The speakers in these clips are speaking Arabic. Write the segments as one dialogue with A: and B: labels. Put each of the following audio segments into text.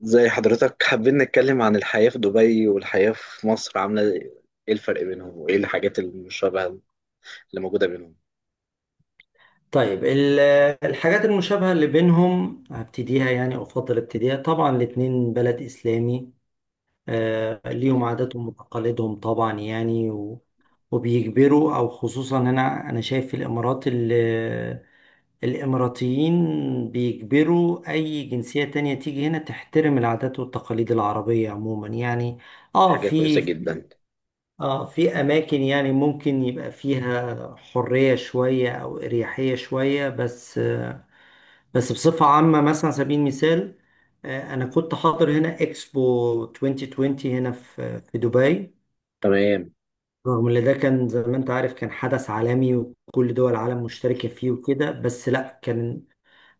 A: زي حضرتك حابين نتكلم عن الحياة في دبي والحياة في مصر عاملة ايه. إيه الفرق بينهم وايه الحاجات المشابهة اللي موجودة بينهم؟
B: طيب، الحاجات المشابهة اللي بينهم هبتديها يعني، أو أفضل ابتديها. طبعا الاتنين بلد إسلامي، ليهم
A: تمام.
B: عاداتهم وتقاليدهم طبعا يعني وبيجبروا، أو خصوصا هنا أنا شايف في الإمارات الإماراتيين بيجبروا أي جنسية تانية تيجي هنا تحترم العادات والتقاليد العربية عموما يعني. آه،
A: حاجة كويسة
B: في
A: جدا.
B: اه في اماكن يعني ممكن يبقى فيها حرية شوية او اريحية شوية بس، بصفة عامة، مثلا على سبيل المثال، انا كنت حاضر هنا اكسبو 2020 هنا في دبي.
A: تمام.
B: رغم ان ده كان زي ما انت عارف كان حدث عالمي وكل دول العالم مشتركة فيه وكده، بس لا، كان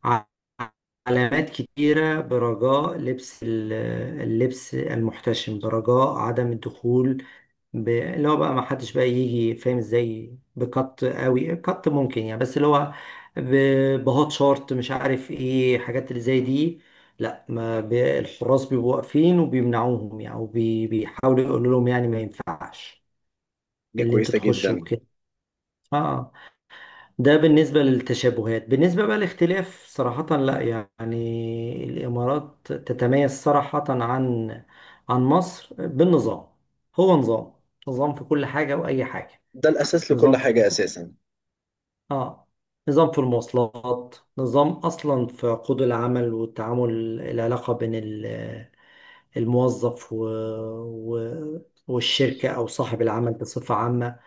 B: ع- علامات كتيرة: برجاء لبس اللبس المحتشم، برجاء عدم الدخول اللي هو بقى ما حدش بقى يجي فاهم ازاي بكت قوي كت ممكن يعني، بس اللي هو بهوت شورت، مش عارف ايه، حاجات اللي زي دي. لا، ما الحراس بيبقوا واقفين وبيمنعوهم يعني، وبيحاولوا يقولوا لهم يعني ما ينفعش
A: حاجة
B: اللي انتوا
A: كويسة
B: تخشوا
A: جدا.
B: كده. اه، ده بالنسبة للتشابهات. بالنسبة بقى للاختلاف، صراحة لا يعني، الإمارات تتميز صراحة عن مصر بالنظام. هو نظام في كل حاجة وأي حاجة.
A: ده الأساس لكل
B: نظام في
A: حاجة أساسا.
B: اه نظام في المواصلات، نظام اصلا في عقود العمل والتعامل، العلاقه بين الموظف و... و... والشركه او صاحب العمل بصفه عامه.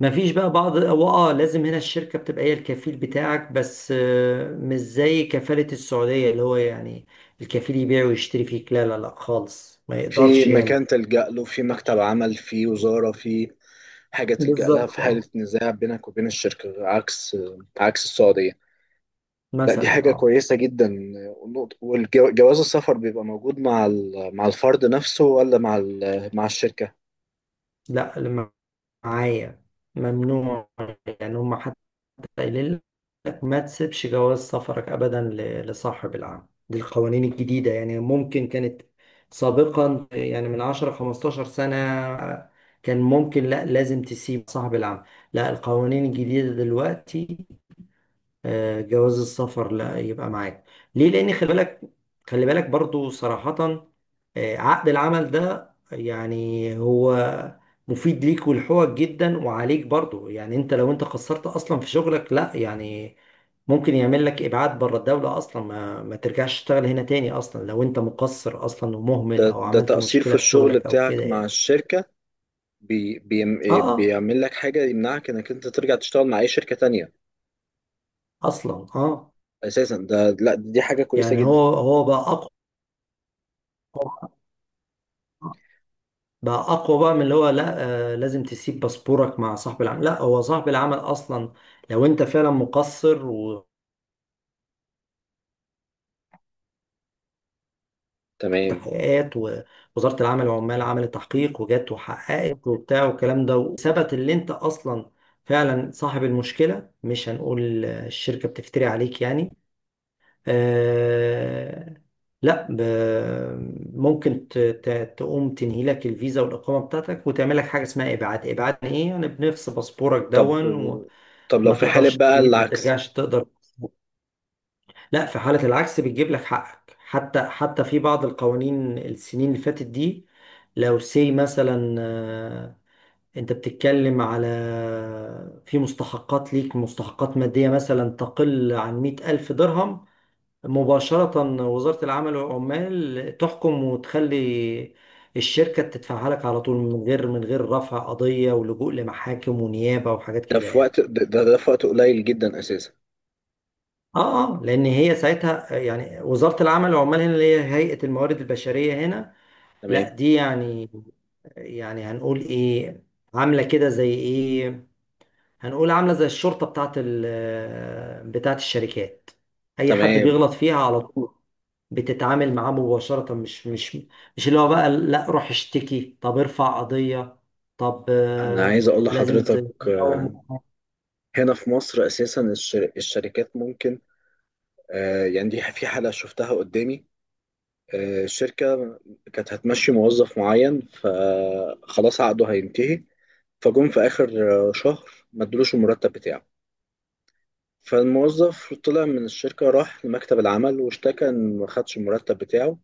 B: ما فيش بقى بعض. هو، لازم هنا الشركه بتبقى هي الكفيل بتاعك بس، مش زي كفاله السعوديه، اللي هو يعني الكفيل يبيع ويشتري فيك، لا لا لا خالص، ما
A: في
B: يقدرش يعمل.
A: مكان تلجأ له، في مكتب عمل، في وزارة، في حاجة تلجأ لها في
B: بالظبط،
A: حالة
B: اه.
A: نزاع بينك وبين الشركة، عكس السعودية. لا، دي
B: مثلا،
A: حاجة
B: اه.
A: كويسة جدا. والجواز السفر بيبقى موجود مع مع الفرد نفسه، ولا مع مع الشركة؟
B: لا، معايا. ممنوع. يعني هم حتى قايلين لك ما تسيبش جواز سفرك أبدا لصاحب العمل. دي القوانين الجديدة يعني، ممكن كانت سابقا يعني من 10 15 سنة كان ممكن، لا لازم تسيب صاحب العمل. لا، القوانين الجديدة دلوقتي، جواز السفر لا يبقى معاك. ليه؟ لان خلي بالك، خلي بالك برضو صراحة، عقد العمل ده يعني هو مفيد ليك ولحقوقك جدا، وعليك برضو. يعني انت، لو خسرت اصلا في شغلك، لا يعني ممكن يعمل لك ابعاد بره الدولة اصلا، ما ترجعش تشتغل هنا تاني اصلا لو انت مقصر اصلا ومهمل
A: ده
B: او
A: ده
B: عملت
A: تقصير في
B: مشكلة في
A: الشغل
B: شغلك او كده
A: بتاعك مع
B: يعني.
A: الشركة بي
B: اه،
A: بي
B: اه،
A: بيعمل لك حاجة يمنعك انك انت ترجع تشتغل مع اي شركة تانية
B: اصلا، اه.
A: اساسا؟ ده لا، دي حاجة كويسة
B: يعني
A: جدا.
B: هو بقى اقوى، بقى اقوى بقى من اللي هو لا، آه، لازم تسيب باسبورك مع صاحب العمل. لا، هو صاحب العمل اصلا لو انت فعلا مقصر
A: تمام.
B: وتحقيقات، ووزارة العمل والعمال عملت تحقيق وجت وحققت وبتاع والكلام ده، وثبت اللي انت اصلا فعلا صاحب المشكلة، مش هنقول الشركة بتفتري عليك يعني، آه، لا ممكن تقوم تنهي لك الفيزا والإقامة بتاعتك، وتعمل لك حاجة اسمها إبعاد. إبعاد يعني إيه؟ يعني بنفس باسبورك،
A: طب،
B: دون
A: لو
B: ما
A: في حالة
B: تقدرش،
A: بقى
B: ما
A: العكس؟
B: ترجعش تقدر. لا، في حالة العكس بتجيب لك حقك، حتى في بعض القوانين السنين اللي فاتت دي، لو سي مثلا، انت بتتكلم على، في مستحقات ليك، مستحقات مادية مثلا تقل عن مئة ألف درهم، مباشرة وزارة العمل والعمال تحكم وتخلي الشركة تدفعها لك على طول، من غير رفع قضية ولجوء لمحاكم ونيابة وحاجات
A: ده
B: كده
A: في
B: يعني.
A: وقت، ده في وقت قليل جدا اساسا.
B: اه، اه، لان هي ساعتها يعني، وزارة العمل والعمال هنا اللي هي هيئة الموارد البشرية هنا. لا،
A: تمام.
B: دي يعني، يعني هنقول ايه، عاملة كده زي ايه، هنقول عاملة زي الشرطة بتاعت ال بتاعت الشركات. اي حد
A: تمام.
B: بيغلط فيها على طول بتتعامل معاه مباشرة، مش اللي هو بقى لا روح اشتكي، طب ارفع قضية. طب،
A: انا عايز اقول
B: لازم
A: لحضرتك،
B: تقوم.
A: هنا في مصر اساسا الشركات ممكن، يعني دي في حالة شفتها قدامي. الشركة كانت هتمشي موظف معين، فخلاص عقده هينتهي، فجم في آخر شهر ما ادولوش المرتب بتاعه. فالموظف طلع من الشركة، راح لمكتب العمل واشتكى إن ما خدش المرتب بتاعه،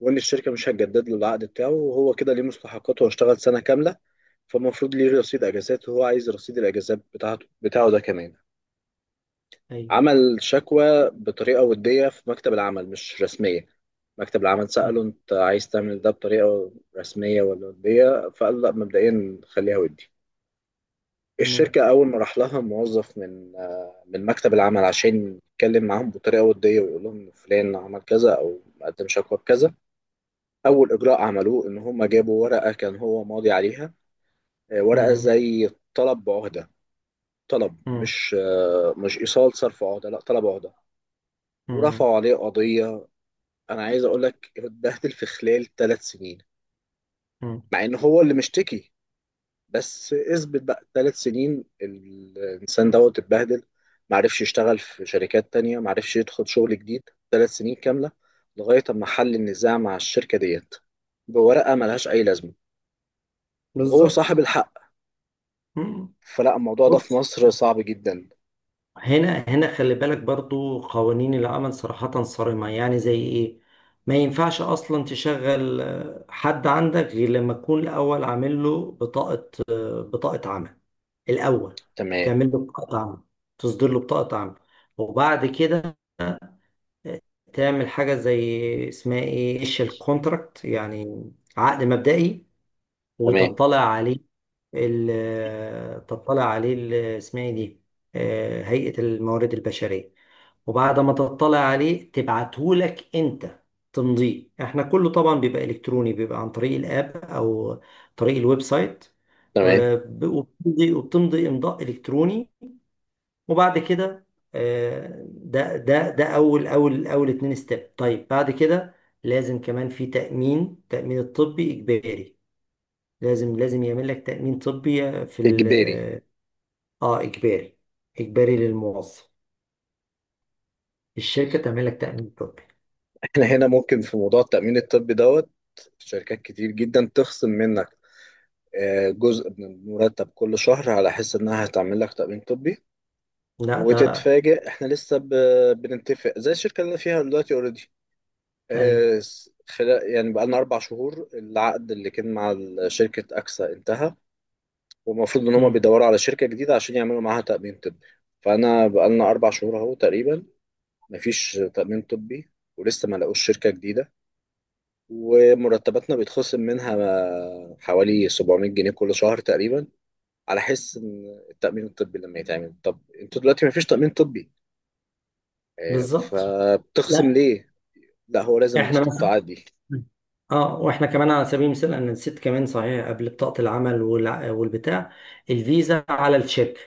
A: وإن الشركة مش هتجدد له العقد بتاعه، وهو كده ليه مستحقاته، واشتغل سنة كاملة، فالمفروض ليه رصيد أجازات، وهو عايز رصيد الأجازات بتاعه ده كمان.
B: ايوه.
A: عمل شكوى بطريقة ودية في مكتب العمل، مش رسمية. مكتب العمل
B: م،
A: سأله أنت عايز تعمل ده بطريقة رسمية ولا ودية؟ فقال لا، مبدئيا خليها ودي.
B: تمام.
A: الشركة أول ما راح لها موظف من من مكتب العمل عشان يتكلم معاهم بطريقة ودية ويقول لهم إن فلان عمل كذا أو قدم شكوى بكذا، أول إجراء عملوه إن هم جابوا ورقة كان هو ماضي عليها، ورقة
B: م،
A: زي طلب بعهدة. طلب،
B: م،
A: مش مش إيصال صرف عهدة، لا طلب عهدة.
B: م،
A: ورفعوا عليه قضية. انا عايز اقول لك، اتبهدل في خلال ثلاث سنين،
B: م.
A: مع ان هو اللي مشتكي. بس اثبت بقى ثلاث سنين الانسان دوت اتبهدل، معرفش يشتغل في شركات تانية، معرفش يدخل شغل جديد ثلاث سنين كاملة، لغاية اما حل النزاع مع الشركة ديت بورقة ملهاش اي لازمة، وهو صاحب
B: بالظبط.
A: الحق.
B: مم.
A: فلا، الموضوع ده في
B: بص،
A: مصر صعب جدا.
B: هنا خلي بالك برضو، قوانين العمل صراحة صارمة يعني، زي ايه، ما ينفعش اصلا تشغل حد عندك غير لما تكون الاول عامل له بطاقة، بطاقة عمل. الاول
A: تمام.
B: تعمل له بطاقة عمل، تصدر له بطاقة عمل، وبعد كده آه، تعمل حاجة زي اسمها ايه، ايش الكونتراكت يعني، عقد مبدئي،
A: تمام.
B: وتطلع عليه ال- آه، تطلع عليه ال- آه، اسمها ايه دي، هيئة الموارد البشرية. وبعد ما تطلع عليه تبعته لك انت، تمضيه. احنا كله طبعا بيبقى الكتروني، بيبقى عن طريق الاب او طريق الويب سايت،
A: تمام.
B: وبتمضي امضاء الكتروني. وبعد كده ده اول اتنين ستيب. طيب، بعد كده لازم كمان في تأمين، تأمين الطبي إجباري، لازم يعمل لك تأمين طبي في
A: اجباري؟
B: ال... اه، إجباري، إجباري للموظف. الشركة تعمل لك تأمين طبي.
A: احنا هنا ممكن في موضوع التأمين الطبي دوت شركات كتير جدا تخصم منك جزء من المرتب كل شهر على حس انها هتعمل لك تأمين طبي.
B: لا ده،
A: وتتفاجئ، احنا لسه بنتفق. زي الشركة اللي انا فيها دلوقتي، اوريدي،
B: أيوه.
A: آه، خلال يعني بقالنا اربع شهور العقد اللي كان مع شركة اكسا انتهى، والمفروض ان هما
B: مم.
A: بيدوروا على شركة جديدة عشان يعملوا معاها تأمين طبي. فانا بقالنا اربع شهور اهو تقريبا مفيش تأمين طبي، ولسه ما لقوش شركة جديدة، ومرتباتنا بيتخصم منها حوالي 700 جنيه كل شهر تقريبا، على حس ان التأمين الطبي لما يتعمل. طب انتوا دلوقتي ما فيش تأمين طبي،
B: بالظبط.
A: فبتخصم
B: لا،
A: ليه؟ لا هو لازم
B: إحنا مثلا،
A: الاستقطاعات دي.
B: اه، واحنا كمان على سبيل المثال، انا نسيت كمان صحيح، قبل بطاقة العمل والبتاع، الفيزا على الشركة.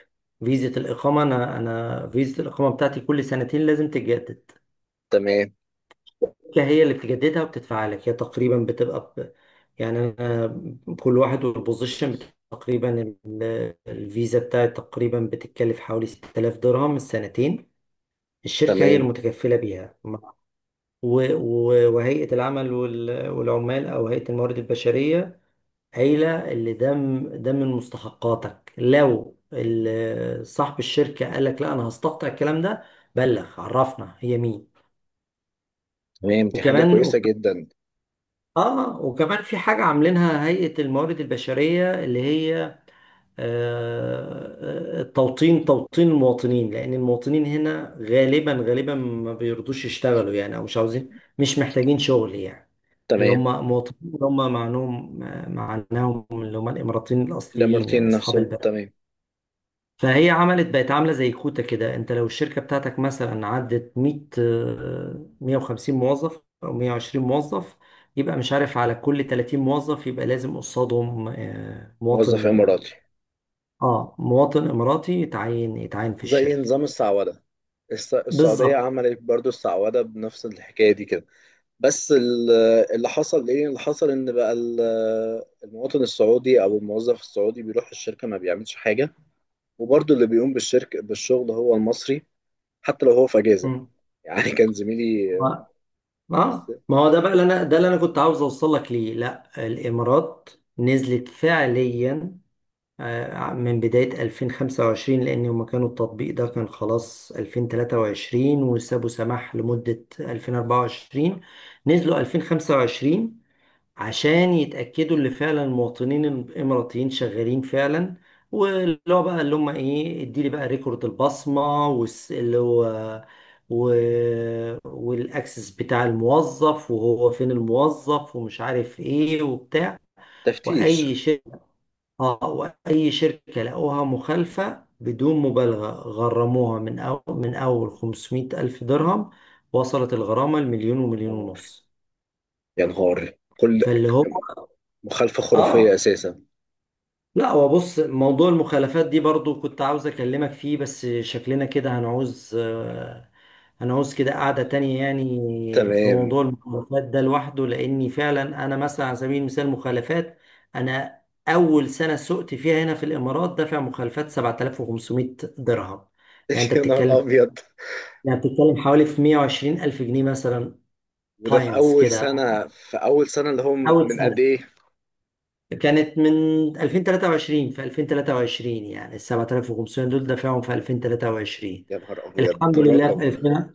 B: فيزا الإقامة، أنا فيزا الإقامة بتاعتي كل سنتين لازم تتجدد،
A: تمام.
B: هي اللي بتجددها وبتدفع لك هي، تقريبا بتبقى ب... يعني أنا كل واحد والبوزيشن تقريبا، الفيزا بتاعي تقريبا بتتكلف حوالي 6000 درهم السنتين، الشركة هي
A: تمام.
B: المتكفلة بيها. وهيئة العمل والعمال، أو هيئة الموارد البشرية قايلة اللي ده ده من مستحقاتك، لو صاحب الشركة قال لك لا أنا هستقطع الكلام ده، بلغ عرفنا هي مين.
A: تمام، دي حاجة
B: وكمان،
A: كويسة جدا.
B: في حاجة عاملينها هيئة الموارد البشرية، اللي هي التوطين، توطين المواطنين، لأن المواطنين هنا غالبا غالبا ما بيرضوش يشتغلوا يعني، أو مش عاوزين، مش محتاجين شغل يعني، اللي هم
A: تمام.
B: مواطنين، اللي هم معناهم اللي هم الإماراتيين الأصليين يعني،
A: الإماراتيين
B: أصحاب
A: نفسهم،
B: البلد.
A: تمام.
B: فهي عملت، بقت عاملة زي كوتا كده. انت لو الشركة بتاعتك مثلا عدت 100، 150 موظف او 120 موظف، يبقى مش عارف، على كل 30 موظف يبقى لازم قصادهم،
A: موظف
B: مواطن،
A: إماراتي.
B: اه مواطن اماراتي يتعين في
A: زي
B: الشركة.
A: نظام السعودة. السعودية
B: بالظبط.
A: عملت برضو السعودة بنفس الحكاية دي كده. بس اللي حصل ايه؟ اللي حصل ان بقى المواطن السعودي او الموظف السعودي بيروح الشركة ما بيعملش حاجة، وبرضو اللي بيقوم بالشركة بالشغل هو المصري، حتى لو هو في اجازه.
B: مم.
A: يعني كان زميلي.
B: اه. آه.
A: بس.
B: ما هو ده اللي انا كنت عاوز اوصل لك ليه. لا، الامارات نزلت فعليا من بداية 2025. لأن هما كانوا، التطبيق ده كان خلاص 2023، وسابوا سماح لمدة 2024، نزلوا 2025 عشان يتأكدوا اللي فعلا المواطنين الإماراتيين شغالين فعلا. واللي هو بقى اللي هم إيه، اديلي بقى ريكورد البصمة اللي هو و... والأكسس بتاع الموظف وهو فين الموظف، ومش عارف إيه وبتاع
A: تفتيش.
B: وأي شيء. اه، واي شركه لقوها مخالفه بدون مبالغه غرموها من، أو من اول 500 الف درهم، وصلت الغرامه لمليون
A: يا
B: ومليون
A: نهار.
B: ونص.
A: يا نهار. كل
B: فاللي هو،
A: مخالفه خرافيه
B: اه،
A: اساسا.
B: لا هو بص، موضوع المخالفات دي برضو كنت عاوز اكلمك فيه، بس شكلنا كده هنعوز كده قعدة تانية يعني في
A: تمام.
B: موضوع المخالفات ده لوحده. لاني فعلا انا مثلا على سبيل المثال مخالفات، انا اول سنة سقت فيها هنا في الامارات دافع مخالفات 7500 درهم. يعني انت
A: يا نهار
B: بتتكلم
A: ابيض.
B: يعني بتتكلم حوالي في 120 الف جنيه مثلا.
A: وده في
B: باينز
A: اول
B: كده.
A: سنه؟ في اول سنه اللي هو
B: اول
A: من قد
B: سنة
A: ايه؟
B: كانت من 2023، في 2023 يعني ال 7500 دول دفعهم في 2023.
A: يا نهار ابيض.
B: الحمد لله
A: رقم.
B: في 2000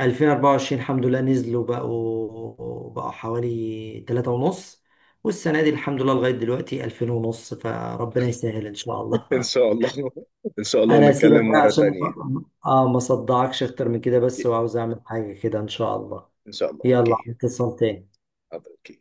B: 2024 الحمد لله نزلوا، بقوا حوالي 3 ونص. والسنة دي الحمد لله لغاية دلوقتي 2000 ونص، فربنا يسهل إن شاء الله.
A: ان شاء الله. ان شاء الله،
B: أنا هسيبك
A: ونتكلم
B: بقى
A: مره
B: عشان
A: تانية.
B: ما صدعكش أكتر من كده، بس
A: اوكي.
B: وعاوز أعمل حاجة كده إن شاء الله.
A: ان شاء الله.
B: يلا
A: اوكي.
B: اتصل تاني.
A: حاضر، اوكي.